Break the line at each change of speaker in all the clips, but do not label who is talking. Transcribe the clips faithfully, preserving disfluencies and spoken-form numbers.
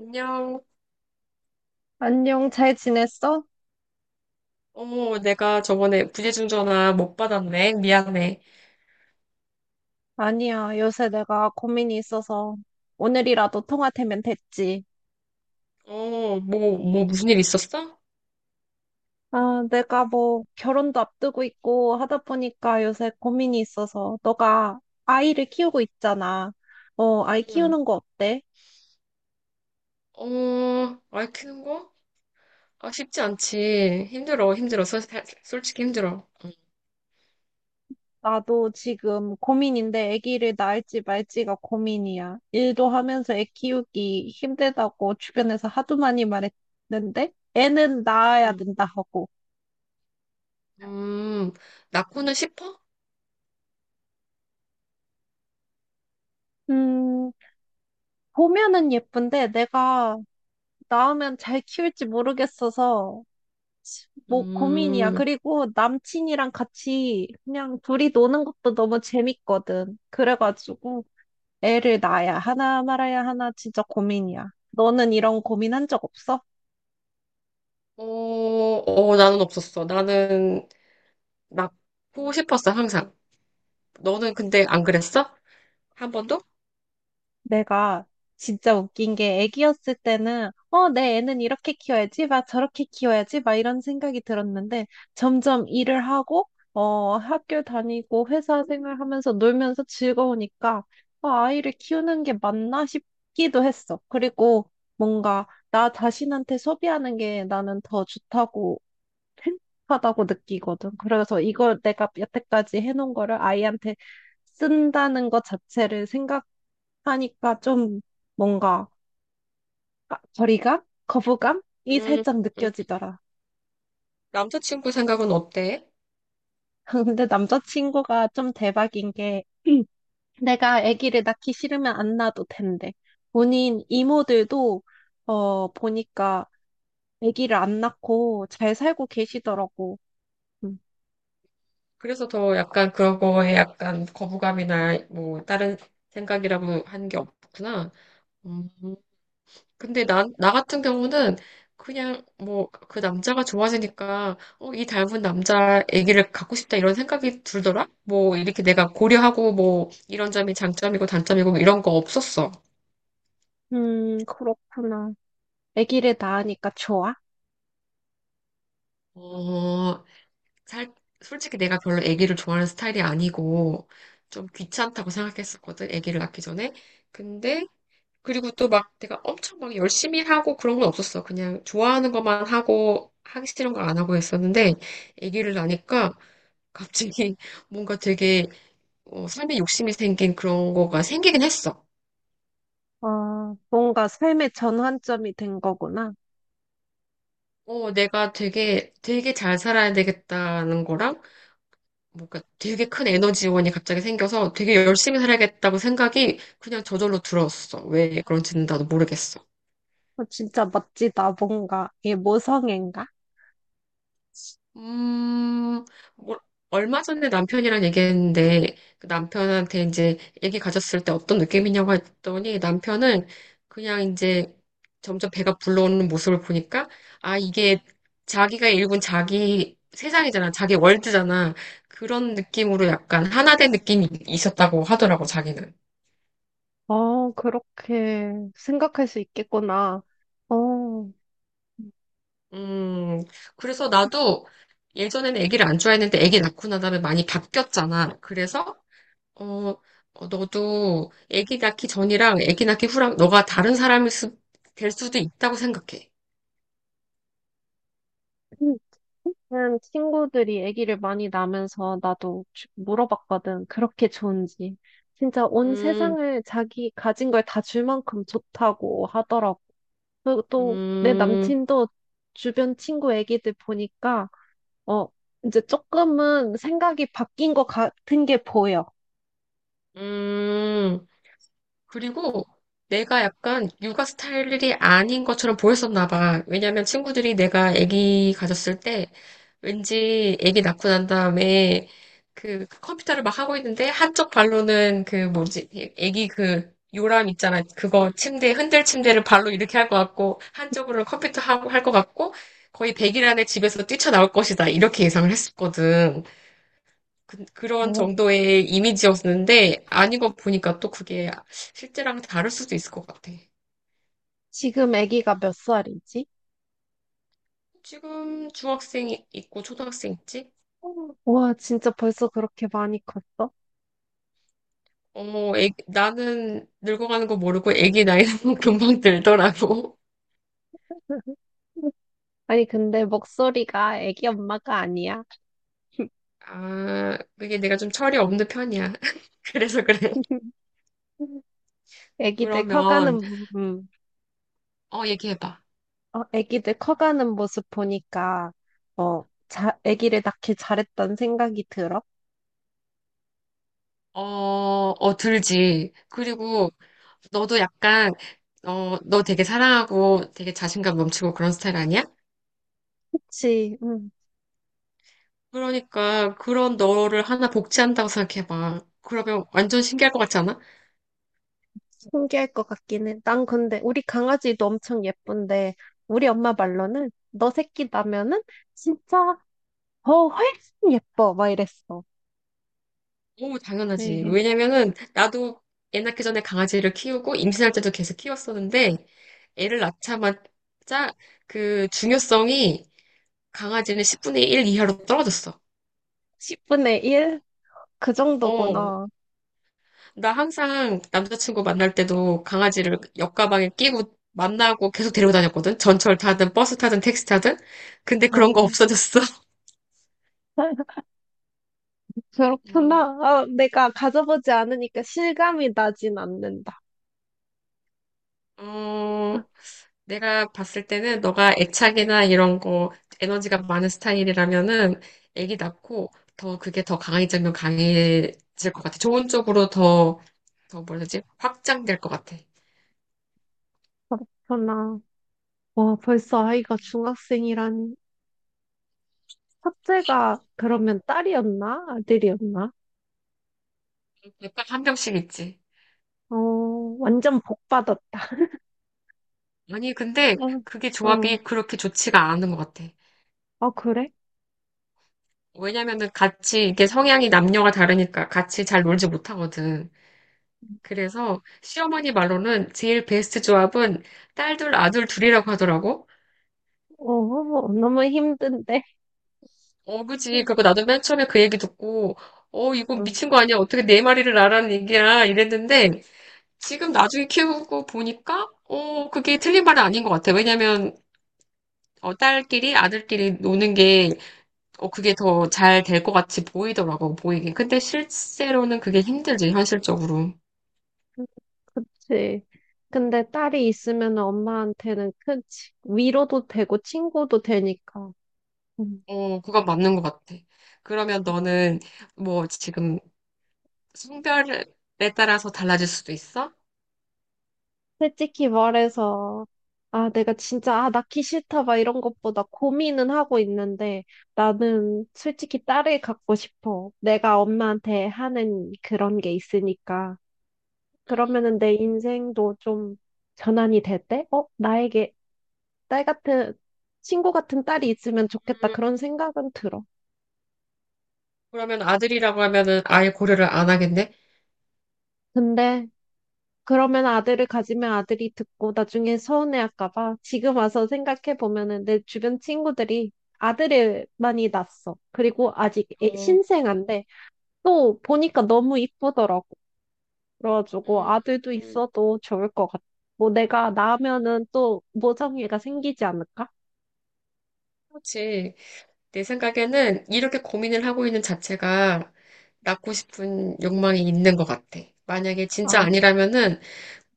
안녕.
안녕, 잘 지냈어?
어 내가 저번에 부재중 전화 못 받았네. 미안해.
아니야, 요새 내가 고민이 있어서 오늘이라도 통화 되면 됐지.
어, 뭐, 뭐, 무슨 일 있었어?
아, 내가 뭐 결혼도 앞두고 있고 하다 보니까 요새 고민이 있어서 너가 아이를 키우고 있잖아. 어, 아이
응.
키우는 거 어때?
어, 아이 크는 거? 아, 쉽지 않지. 힘들어, 힘들어. 솔- 솔직히 힘들어. 응.
나도 지금 고민인데 아기를 낳을지 말지가 고민이야. 일도 하면서 애 키우기 힘들다고 주변에서 하도 많이 말했는데 애는 낳아야
응.
된다 하고.
음, 낳고는 싶어?
음, 보면은 예쁜데 내가 낳으면 잘 키울지 모르겠어서 뭐 고민이야.
음,
그리고 남친이랑 같이 그냥 둘이 노는 것도 너무 재밌거든. 그래가지고 애를 낳아야 하나 말아야 하나 진짜 고민이야. 너는 이런 고민한 적 없어?
어, 어, 나는 없었어. 나는 낳고 싶었어, 항상. 너는 근데 안 그랬어? 한 번도?
내가 진짜 웃긴 게 애기였을 때는 어, 내 애는 이렇게 키워야지, 막 저렇게 키워야지, 막 이런 생각이 들었는데 점점 일을 하고 어, 학교 다니고 회사 생활하면서 놀면서 즐거우니까 아, 아이를 키우는 게 맞나 싶기도 했어. 그리고 뭔가 나 자신한테 소비하는 게 나는 더 좋다고 행복하다고 느끼거든. 그래서 이걸 내가 여태까지 해놓은 거를 아이한테 쓴다는 것 자체를 생각하니까 좀 뭔가 아, 거리감? 거부감이
음.
살짝
음.
느껴지더라.
남자친구 생각은 어때?
근데 남자친구가 좀 대박인 게 내가 아기를 낳기 싫으면 안 낳아도 된대. 본인 이모들도 어 보니까 아기를 안 낳고 잘 살고 계시더라고. 음.
그래서 더 약간 그거에 약간 거부감이나 뭐 다른 생각이라고 한 게 없구나. 음, 근데 나, 나 같은 경우는 그냥 뭐 그 남자가 좋아지니까 어, 이 닮은 남자 애기를 갖고 싶다 이런 생각이 들더라? 뭐 이렇게 내가 고려하고 뭐 이런 점이 장점이고 단점이고 뭐 이런 거 없었어.
음, 그렇구나. 아기를 낳으니까 좋아?
어, 살, 솔직히 내가 별로 애기를 좋아하는 스타일이 아니고 좀 귀찮다고 생각했었거든, 애기를 낳기 전에. 근데 그리고 또 막 내가 엄청 막 열심히 하고 그런 건 없었어. 그냥 좋아하는 것만 하고 하기 싫은 거 안 하고 했었는데 아기를 낳으니까 갑자기 뭔가 되게 어, 삶에 욕심이 생긴 그런 거가 생기긴 했어.
아, 뭔가 삶의 전환점이 된 거구나.
어, 내가 되게 되게 잘 살아야 되겠다는 거랑 뭔가 되게 큰 에너지원이 갑자기 생겨서 되게 열심히 살아야겠다고 생각이 그냥 저절로 들었어. 왜 그런지는 나도 모르겠어.
어, 진짜 멋지다, 뭔가. 이게 모성애인가?
음, 뭐, 얼마 전에 남편이랑 얘기했는데, 그 남편한테 이제 얘기 가졌을 때 어떤 느낌이냐고 했더니, 남편은 그냥 이제 점점 배가 불러오는 모습을 보니까, 아, 이게 자기가 일군 자기 세상이잖아. 자기 월드잖아. 그런 느낌으로 약간 하나 된 느낌이 있었다고 하더라고, 자기는.
어, 그렇게 생각할 수 있겠구나. 어,
음, 그래서 나도 예전에는 아기를 안 좋아했는데 아기 낳고 나다음에 많이 바뀌었잖아. 그래서 어, 어, 너도 아기 낳기 전이랑 아기 낳기 후랑 너가 다른 사람일 수, 될 수도 있다고 생각해.
그냥 친구들이 아기를 많이 낳으면서 나도 주- 물어봤거든. 그렇게 좋은지. 진짜 온
음.
세상을 자기 가진 걸 다 줄 만큼 좋다고 하더라고. 그리고 또 내
음.
남친도 주변 친구 아기들 보니까 어, 이제 조금은 생각이 바뀐 것 같은 게 보여.
음. 그리고 내가 약간 육아 스타일이 아닌 것처럼 보였었나 봐. 왜냐면 친구들이 내가 아기 가졌을 때 왠지 아기 낳고 난 다음에 그 컴퓨터를 막 하고 있는데 한쪽 발로는 그 뭐지? 아기 그 요람 있잖아. 그거 침대 흔들 침대를 발로 이렇게 할 것 같고 한쪽으로는 컴퓨터 하고 할 것 같고 거의 백 일 안에 집에서 뛰쳐나올 것이다. 이렇게 예상을 했었거든. 그, 런
어,
정도의 이미지였는데 아닌 거 보니까 또 그게 실제랑 다를 수도 있을 것 같아.
지금 아기가 몇 살이지?
지금 중학생 있고 초등학생 있지?
와, 진짜 벌써 그렇게 많이 컸어?
어머, 애- 나는 늙어가는 거 모르고 애기 나이는 금방 들더라고.
아니, 근데 목소리가 아기 엄마가 아니야.
아, 그게 내가 좀 철이 없는 편이야. 그래서 그래.
아기들
그러면,
커가는, 부- 음,
어, 얘기해봐.
어, 아기들 커가는 모습 보니까, 어, 자, 아기를 낳길 잘했다는 생각이 들어.
어, 어, 들지. 그리고 너도 약간, 어, 너 되게 사랑하고 되게 자신감 넘치고 그런 스타일 아니야?
그치, 음,
그러니까 그런 너를 하나 복제한다고 생각해봐. 그러면 완전 신기할 것 같지 않아?
신기할 것 같긴 해. 난 근데, 우리 강아지도 엄청 예쁜데, 우리 엄마 말로는, 너 새끼 나면은, 진짜, 더 훨씬 예뻐. 막 이랬어.
오,
네,
당연하지.
이게
왜냐면은 나도 애 낳기 전에 강아지를 키우고 임신할 때도 계속 키웠었는데 애를 낳자마자 그 중요성이 강아지는 십분의 일 이하로 떨어졌어.
십분의 일? 그
어,
정도구나.
나 항상 남자친구 만날 때도 강아지를 옆가방에 끼고 만나고 계속 데리고 다녔거든. 전철 타든 버스 타든 택시 타든. 근데 그런 거
어,
없어졌어.
그렇구나.
음,
아, 내가 가져보지 않으니까 실감이 나진 않는다. 아,
어, 내가 봤을 때는 너가 애착이나 이런 거 에너지가 많은 스타일이라면은 애기 낳고 더 그게 더 강해지면 강해질 것 같아. 좋은 쪽으로 더, 더 뭐라 지 확장될 것 같아.
그렇구나. 와, 벌써 아이가 중학생이라니. 첫째가 그러면 딸이었나? 아들이었나?
약간 한 병씩 있지.
어, 완전 복 받았다.
아니, 근데 그게
어, 어,
조합이 그렇게 좋지가 않은 것 같아.
아, 그래?
왜냐면은 같이 이게 성향이 남녀가 다르니까 같이 잘 놀지 못하거든. 그래서 시어머니 말로는 제일 베스트 조합은 딸 둘, 아들 둘이라고 하더라고.
어, 너무 힘든데.
어, 그지. 그거 나도 맨 처음에 그 얘기 듣고, 어, 이거
어,
미친 거 아니야? 어떻게 네 마리를 나라는 얘기야? 이랬는데, 지금 나중에 키우고 보니까, 어, 그게 틀린 말은 아닌 것 같아. 왜냐면, 어, 딸끼리, 아들끼리 노는 게, 어, 그게 더 잘 될 것 같이 보이더라고, 보이긴. 근데 실제로는 그게 힘들지, 현실적으로.
그치. 근데 딸이 있으면 엄마한테는 큰 치- 위로도 되고 친구도 되니까. 응.
어, 그건 맞는 것 같아. 그러면 너는, 뭐, 지금 성별에 따라서 달라질 수도 있어?
솔직히 말해서, 아, 내가 진짜, 아, 낳기 싫다, 막 이런 것보다 고민은 하고 있는데, 나는 솔직히 딸을 갖고 싶어. 내가 엄마한테 하는 그런 게 있으니까. 그러면은 내 인생도 좀 전환이 될 때, 어, 나에게 딸 같은, 친구 같은 딸이 있으면 좋겠다,
음,
그런 생각은 들어.
그러면 아들이라고 하면은 아예 고려를 안 하겠네?
근데, 그러면 아들을 가지면 아들이 듣고 나중에 서운해할까 봐. 지금 와서 생각해 보면은 내 주변 친구들이 아들을 많이 낳았어. 그리고 아직 애-
어,
신생아인데 또 보니까 너무 이쁘더라고. 그래가지고
음,
아들도
음,
있어도 좋을 것 같아. 뭐 내가 낳으면은 또 모성애가 생기지 않을까?
그렇지. 내 생각에는 이렇게 고민을 하고 있는 자체가 낳고 싶은 욕망이 있는 것 같아. 만약에 진짜
아,
아니라면은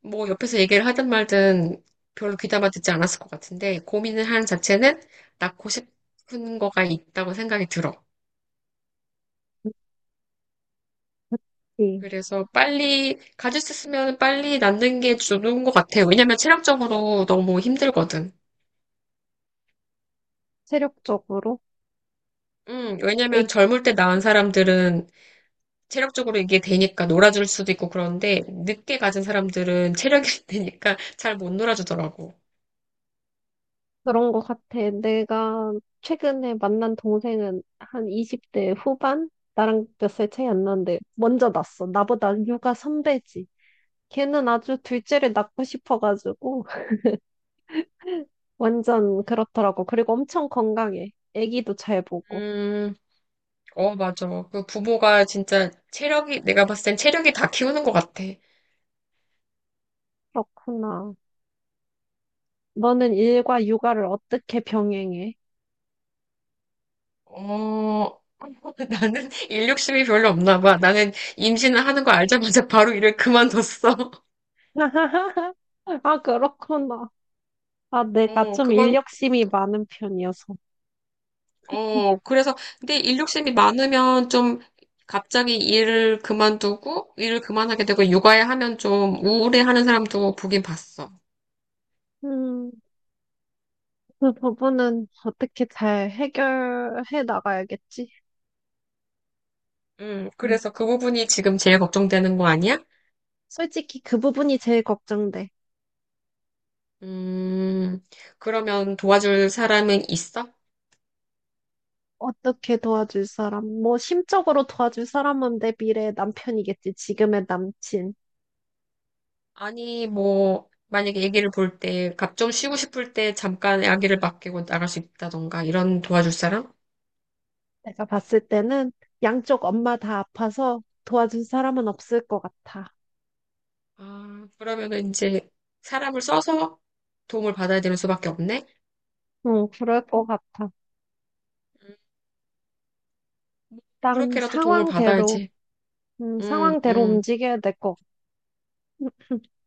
뭐 옆에서 얘기를 하든 말든 별로 귀담아 듣지 않았을 것 같은데 고민을 하는 자체는 낳고 싶은 거가 있다고 생각이 들어.
네.
그래서 빨리 가질 수 있으면 빨리 낳는 게 좋은 것 같아요. 왜냐면 체력적으로 너무 힘들거든.
체력적으로.
음, 왜냐면 젊을 때 낳은 사람들은 체력적으로 이게 되니까 놀아줄 수도 있고 그런데 늦게 가진 사람들은 체력이 되니까 잘 못 놀아주더라고.
그런 것 같아. 내가 최근에 만난 동생은 한 이십 대 후반? 나랑 몇 살 차이 안 나는데 먼저 낳았어. 나보다 육아 선배지. 걔는 아주 둘째를 낳고 싶어가지고 완전 그렇더라고. 그리고 엄청 건강해. 아기도 잘 보고.
음, 어, 맞아. 그 부모가 진짜 체력이, 내가 봤을 땐 체력이 다 키우는 것 같아.
그렇구나. 너는 일과 육아를 어떻게 병행해?
어, 나는 일 욕심이 별로 없나 봐. 나는 임신을 하는 거 알자마자 바로 일을 그만뒀어.
아, 그렇구나. 아, 내가
어,
좀
그만,
인력심이 많은 편이어서.
어, 그래서, 근데 일욕심이 많으면 좀 갑자기 일을 그만두고, 일을 그만하게 되고, 육아에 하면 좀 우울해하는 사람도 보긴 봤어.
음. 그 부분은 어떻게 잘 해결해 나가야겠지.
음,
음.
그래서 그 부분이 지금 제일 걱정되는 거 아니야?
솔직히 그 부분이 제일 걱정돼.
음, 그러면 도와줄 사람은 있어?
어떻게 도와줄 사람? 뭐 심적으로 도와줄 사람은 내 미래의 남편이겠지. 지금의 남친.
아니, 뭐, 만약에 아기를 볼 때, 갑 좀 쉬고 싶을 때 잠깐 아기를 맡기고 나갈 수 있다던가, 이런 도와줄 사람?
내가 봤을 때는 양쪽 엄마 다 아파서 도와줄 사람은 없을 것 같아.
아, 그러면은 이제 사람을 써서 도움을 받아야 되는 수밖에 없네?
응, 그럴 것 같아. 일단
그렇게라도 도움을
상황대로,
받아야지.
음,
응,
상황대로
응,
움직여야 될 것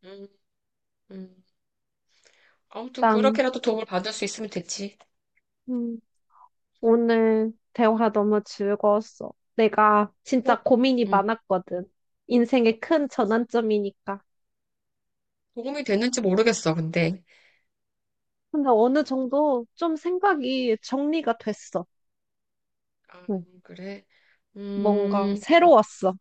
응, 응. 아무튼
같다.
그렇게라도 도움을 받을 수 있으면 됐지.
오늘 대화 너무 즐거웠어. 내가
어?
진짜 고민이
응.
많았거든. 인생의 큰
도,
전환점이니까.
도움이 됐는지 모르겠어, 근데.
근데 어느 정도 좀 생각이 정리가 됐어.
아,
응.
그래.
뭔가
음, 어,
새로웠어.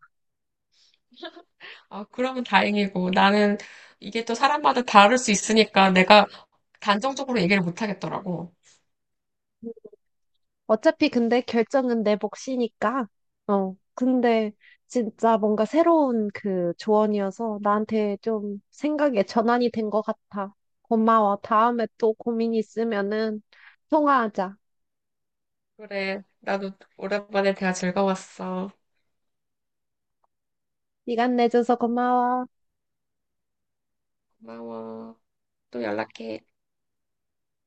아, 그러면 다행이고. 나는 이게 또 사람마다 다를 수 있으니까 내가 단정적으로 얘기를 못 하겠더라고.
어차피 근데 결정은 내 몫이니까. 어. 근데 진짜 뭔가 새로운 그 조언이어서 나한테 좀 생각의 전환이 된 것 같아. 고마워. 다음에 또 고민 있으면은 통화하자.
그래. 나도 오랜만에 대화 즐거웠어.
시간 내줘서 고마워.
고마워. 또 연락해.